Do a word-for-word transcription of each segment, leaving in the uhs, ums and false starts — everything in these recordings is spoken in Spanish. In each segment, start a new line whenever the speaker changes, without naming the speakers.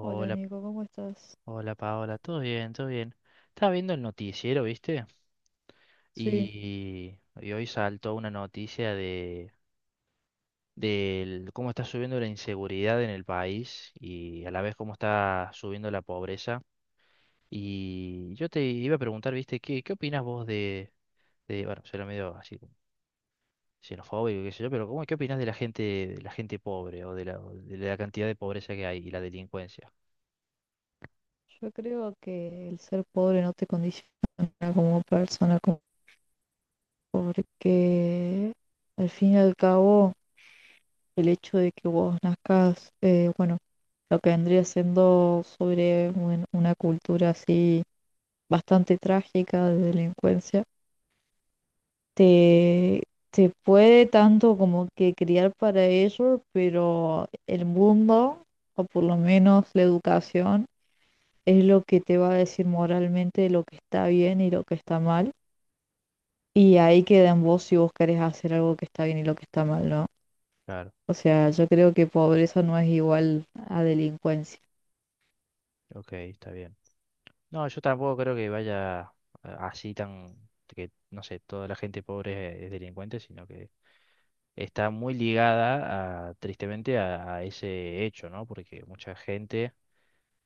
Hola Nico, ¿cómo estás?
hola Paola, todo bien, todo bien. Estaba viendo el noticiero, ¿viste?
Sí,
Y, y hoy saltó una noticia de, del cómo está subiendo la inseguridad en el país y a la vez cómo está subiendo la pobreza. Y yo te iba a preguntar, ¿viste? ¿Qué, qué opinas vos de, de, bueno, será medio así como xenofóbico, qué sé yo, pero ¿cómo, qué opinas de la gente, de la gente pobre o de la, de la cantidad de pobreza que hay y la delincuencia?
yo creo que el ser pobre no te condiciona como persona, como- porque al fin y al cabo el hecho de que vos nazcas, eh, bueno, lo que vendría siendo sobre un- una cultura así bastante trágica de delincuencia, te, te puede tanto como que criar para ello, pero el mundo, o por lo menos la educación, es lo que te va a decir moralmente lo que está bien y lo que está mal. Y ahí queda en vos si vos querés hacer algo que está bien y lo que está mal, ¿no?
Claro,
O sea, yo creo que pobreza no es igual a delincuencia.
ok, está bien. No, yo tampoco creo que vaya a- así tan, que no sé, toda la gente pobre es delincuente, sino que está muy ligada a, tristemente a, a ese hecho, ¿no? Porque mucha gente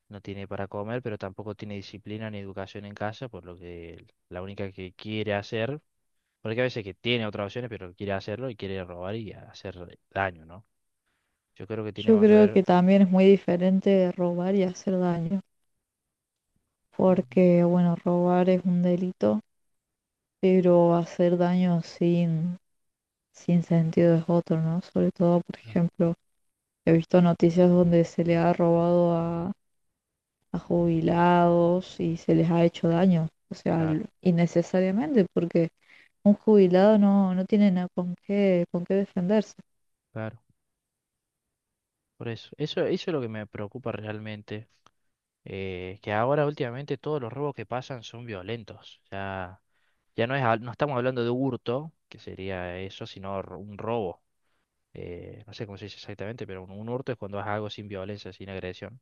no tiene para comer, pero tampoco tiene disciplina ni educación en casa, por lo que la única que quiere hacer, porque a veces que tiene otras opciones, pero quiere hacerlo y quiere robar y hacer daño, ¿no? Yo creo que tiene
Yo
más que
creo
ver.
que también es muy diferente de robar y hacer daño,
Mm,
porque bueno, robar es un delito, pero hacer daño sin, sin sentido es otro, ¿no? Sobre todo, por
ah,
ejemplo, he visto noticias donde se le ha robado a a jubilados y se les ha hecho daño, o sea,
claro,
l- innecesariamente, porque un jubilado no, no tiene nada con qué, con qué defenderse.
claro. Por eso, eso, eso es lo que me preocupa realmente. eh, que ahora últimamente todos los robos que pasan son violentos. Ya, ya no es, hab- no estamos hablando de hurto, que sería eso, sino r- un robo. Eh, no sé cómo se dice exactamente, pero un, un hurto es cuando haces algo sin violencia, sin agresión.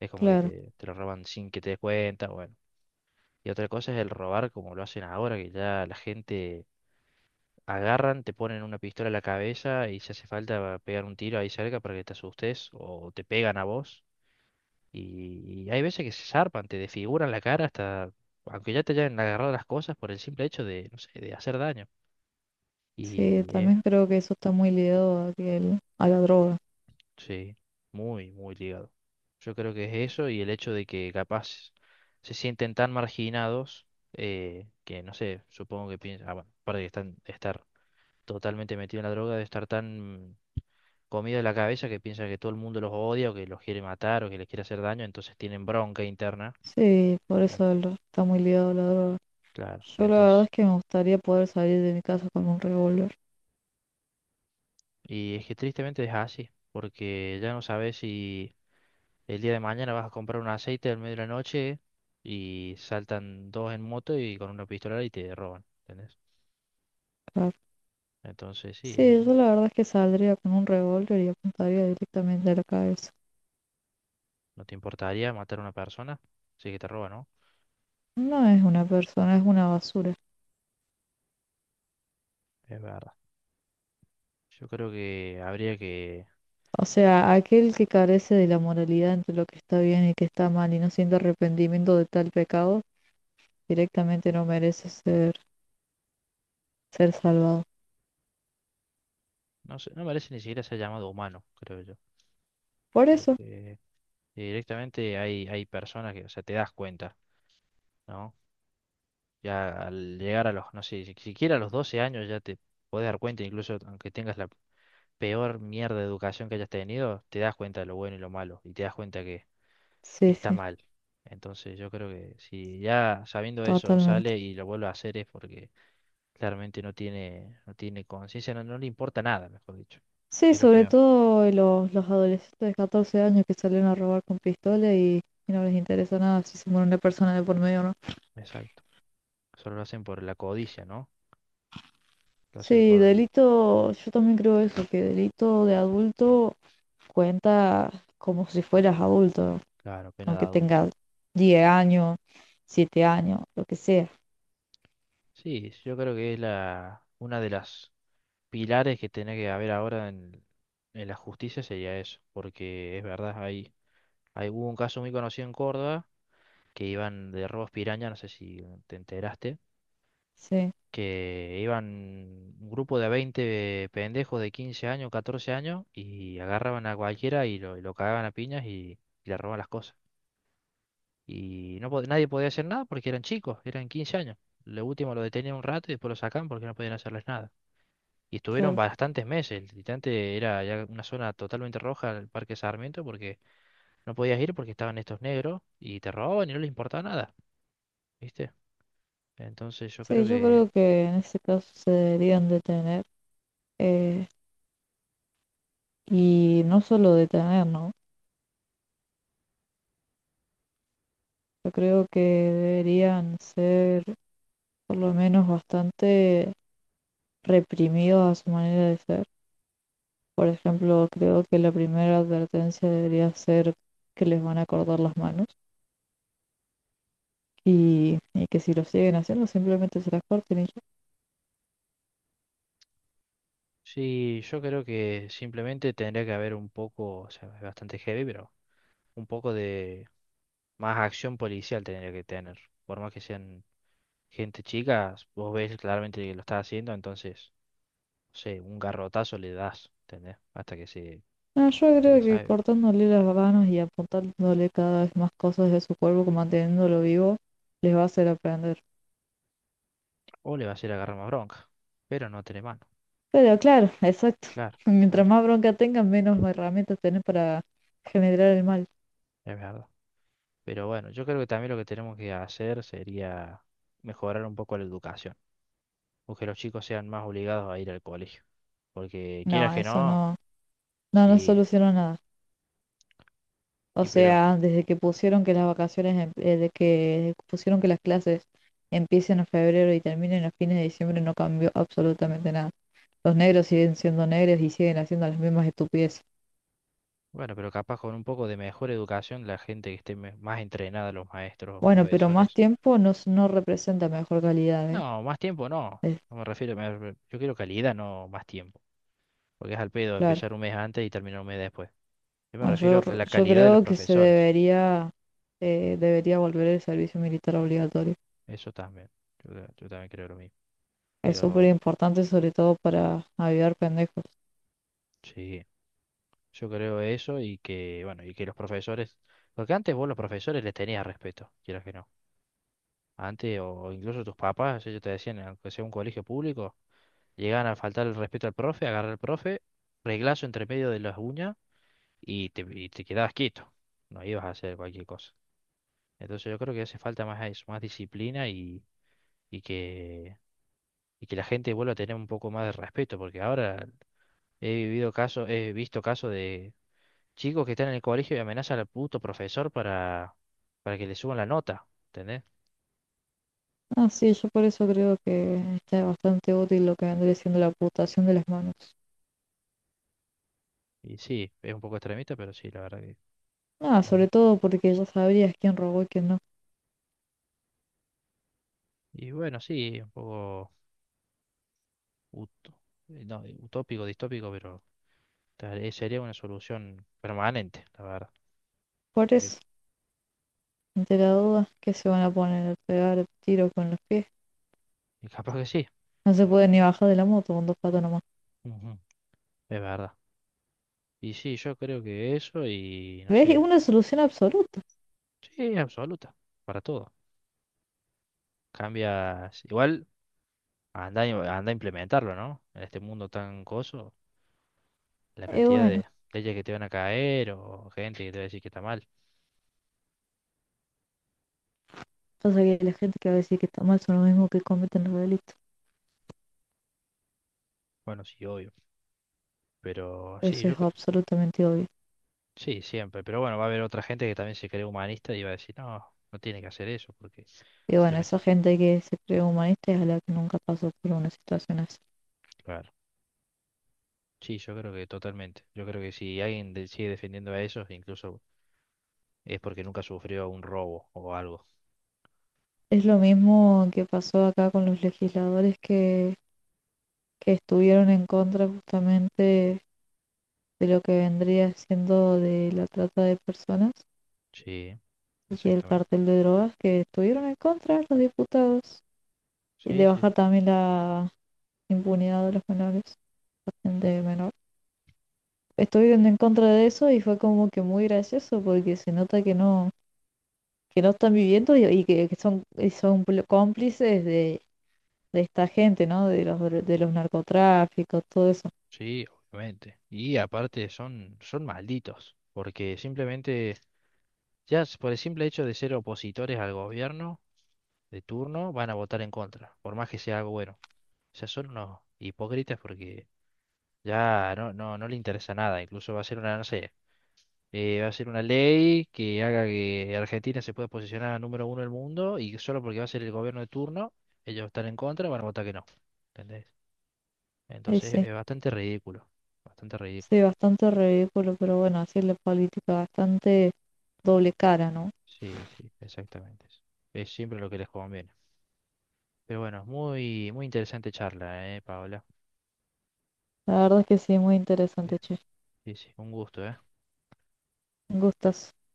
Es como que
Claro,
te, te lo roban sin que te des cuenta, bueno. Y otra cosa es el robar como lo hacen ahora, que ya la gente agarran, te ponen una pistola en la cabeza y si hace falta pegar un tiro ahí cerca para que te asustes o te pegan a vos. Y, y hay veces que se zarpan, te desfiguran la cara hasta, aunque ya te hayan agarrado las cosas por el simple hecho de, no sé, de hacer daño.
sí,
Y es,
también creo que eso está muy ligado a, que el- a la droga.
sí, muy, muy ligado. Yo creo que es eso y el hecho de que capaz se sienten tan marginados eh, que, no sé, supongo que piensan, ah, bueno, aparte de están, estar totalmente metido en la droga, de estar tan comido de la cabeza que piensan que todo el mundo los odia o que los quiere matar o que les quiere hacer daño, entonces tienen bronca interna.
Sí, por
en-
eso el- está muy ligado a la droga.
claro,
Yo la verdad es
entonces.
que me gustaría poder salir de mi casa con un revólver.
Y es que tristemente es así, porque ya no sabes si el día de mañana vas a comprar un aceite al medio de la noche y saltan dos en moto y con una pistola y te roban, ¿entendés?
Claro.
Entonces sí, eh,
Sí, yo la verdad es que saldría con un revólver y apuntaría directamente a la cabeza.
no te importaría matar a una persona, sí que te roba, ¿no?
No es una persona, es una basura.
Es verdad. Yo creo que habría que,
O sea, aquel que carece de la moralidad entre lo que está bien y que está mal y no siente arrepentimiento de tal pecado, directamente no merece ser, ser salvado.
no sé, no merece ni siquiera ser llamado humano, creo yo,
Por eso,
porque directamente hay, hay personas que, o sea, te das cuenta, ¿no? Ya al llegar a los, no sé, si- siquiera a los doce años ya te podés dar cuenta, incluso aunque tengas la peor mierda de educación que hayas tenido, te das cuenta de lo bueno y lo malo y te das cuenta que
sí,
está
sí,
mal. Entonces yo creo que si ya sabiendo eso
totalmente.
sale y lo vuelve a hacer es porque claramente no tiene, no tiene conciencia, no, no le importa nada, mejor dicho,
Sí,
que es lo
sobre
peor.
todo los, los adolescentes de catorce años que salen a robar con pistola y, y no les interesa nada si se muere una persona de por medio o no.
Exacto. Solo lo hacen por la codicia, ¿no? Lo hacen
Sí,
por,
delito, yo también creo eso, que delito de adulto cuenta como si fueras adulto. ¿No?
claro, pena de
Aunque
adulto.
tenga diez años, siete años, lo que sea.
Sí, yo creo que es la, una de las pilares que tiene que haber ahora en, en la justicia sería eso, porque es verdad, hay, hay, hubo un caso muy conocido en Córdoba que iban de robos piraña, no sé si te enteraste,
Sí,
que iban un grupo de veinte pendejos de quince años, catorce años y agarraban a cualquiera y lo, y lo cagaban a piñas y, y le robaban las cosas. Y no, pod- nadie podía hacer nada porque eran chicos, eran quince años. Lo último lo detenían un rato y después lo sacaban porque no podían hacerles nada. Y estuvieron
claro.
bastantes meses. Literalmente era ya una zona totalmente roja el Parque Sarmiento porque no podías ir porque estaban estos negros y te robaban y no les importaba nada, ¿viste? Entonces yo
Sí,
creo
yo
que,
creo que en ese caso se deberían detener eh, y no solo detener, ¿no? Yo creo que deberían ser por lo menos bastante reprimidos a su manera de ser. Por ejemplo, creo que la primera advertencia debería ser que les van a cortar las manos y, y que si lo siguen haciendo simplemente se las corten y ya.
sí, yo creo que simplemente tendría que haber un poco, o sea, es bastante heavy, pero un poco de más acción policial tendría que tener. Por más que sean gente chica, vos ves claramente que lo está haciendo, entonces, no sé, un garrotazo le das, ¿entendés? Hasta que se,
No, yo
hasta que
creo que
se
cortándole las manos y apuntándole cada vez más cosas de su cuerpo, como manteniéndolo vivo, les va a hacer aprender.
O le va a ir agarrar más bronca. Pero no tiene mano.
Pero claro, exacto.
Claro,
Mientras
claro,
más bronca tengan, menos herramientas tienen para generar el mal.
es verdad. Pero bueno, yo creo que también lo que tenemos que hacer sería mejorar un poco la educación. O que los chicos sean más obligados a ir al colegio. Porque
No,
quieras que
eso
no,
no, no nos
sí.
solucionó nada. O
Y pero,
sea, desde que pusieron que las vacaciones, em- eh, de que pusieron que las clases empiecen en febrero y terminen a fines de diciembre, no cambió absolutamente nada. Los negros siguen siendo negros y siguen haciendo las mismas estupideces.
bueno, pero capaz con un poco de mejor educación, la gente que esté me- más entrenada, los maestros o
Bueno, pero más
profesores.
tiempo no, s- no representa mejor calidad, ¿eh?
No, más tiempo no.
Es
No me refiero, me re- yo quiero calidad, no más tiempo. Porque es al pedo
claro.
empezar un mes antes y terminar un mes después. Yo me
Bueno, yo,
refiero a
r-
la
yo
calidad de los
creo que se
profesores.
debería, eh, debería volver el servicio militar obligatorio.
Eso también. Yo, ta- yo también creo lo mismo.
Es súper
Pero
importante, sobre todo para avivar pendejos.
sí, yo creo eso y que, bueno, y que los profesores, porque antes vos los profesores les tenías respeto, quieras que no. Antes, o incluso tus papás, ellos te decían, aunque sea un colegio público, llegaban a faltar el respeto al profe, agarrar al profe, reglazo entre medio de las uñas y te, y te quedabas quieto. No ibas a hacer cualquier cosa. Entonces yo creo que hace falta más eso, más disciplina y, y que, y que la gente vuelva a tener un poco más de respeto, porque ahora He vivido casos, he visto casos de chicos que están en el colegio y amenazan al puto profesor para, para que le suban la nota, ¿entendés?
Ah, sí, yo por eso creo que está bastante útil lo que vendría siendo la amputación de las manos.
Y sí, es un poco extremista, pero sí, la verdad que.
Ah, sobre
Habría.
todo porque ya sabrías quién robó y quién no.
Y bueno, sí, un poco ut- eh, no, eh, utópico, distópico, pero tal- eh, sería una solución permanente, la verdad.
Por
Bien.
eso, ante la duda, ¿qué se van a poner? ¿A pegar tiros con los pies?
Y capaz que sí,
No se puede ni bajar de la moto con dos patas nomás.
ujú, es verdad. Y sí, yo creo que eso y no
¿Ves?
sé,
Una solución absoluta.
sí, absoluta, para todo. Cambia, igual. Anda, y- anda a implementarlo, ¿no? En este mundo tan coso, la
Y
cantidad
bueno,
de leyes que te van a caer o gente que te va a decir que está mal.
pasa que la gente que va a decir que está mal son los mismos que cometen los delitos.
Bueno, sí, obvio. Pero sí,
Eso
yo
es
cre-
absolutamente obvio.
sí, siempre. Pero bueno, va a haber otra gente que también se cree humanista y va a decir, no, no tiene que hacer eso porque se
Y
está
bueno, esa
metiendo.
gente que se cree humanista es a la que nunca pasó por una situación así.
Claro. Sí, yo creo que totalmente. Yo creo que si alguien de- sigue defendiendo a esos, incluso es porque nunca sufrió un robo o algo.
Es lo mismo que pasó acá con los legisladores que, que estuvieron en contra justamente de lo que vendría siendo de la trata de personas
Sí,
y el
exactamente.
cartel de drogas que estuvieron en contra los diputados y
Sí,
de
sí, sí.
bajar también la impunidad de los menores, de menores. Estuvieron en contra de eso y fue como que muy gracioso porque se nota que no, que no están viviendo y, y que, que son, y son pl- cómplices de, de esta gente, ¿no? De los, dro- de los narcotráficos, todo eso.
Sí, obviamente. Y aparte son, son malditos, porque simplemente, ya s- por el simple hecho de ser opositores al gobierno de turno, van a votar en contra, por más que sea algo bueno. O sea, son unos hipócritas porque ya no, no, no le interesa nada. Incluso va a ser una, no sé, eh, va a ser una ley que haga que Argentina se pueda posicionar a número uno del mundo y que solo porque va a ser el gobierno de turno, ellos están en contra, van a votar que no. ¿Entendés?
Y
Entonces
sí,
es bastante ridículo, bastante
sí,
ridículo.
bastante ridículo, pero bueno, así es la política, bastante doble cara, ¿no?
Sí, sí, exactamente, eso. Es siempre lo que les conviene. Pero bueno, muy, muy interesante charla, eh, Paola.
La verdad es que sí, muy interesante, che.
Sí, sí, un gusto, ¿eh?
Gustas.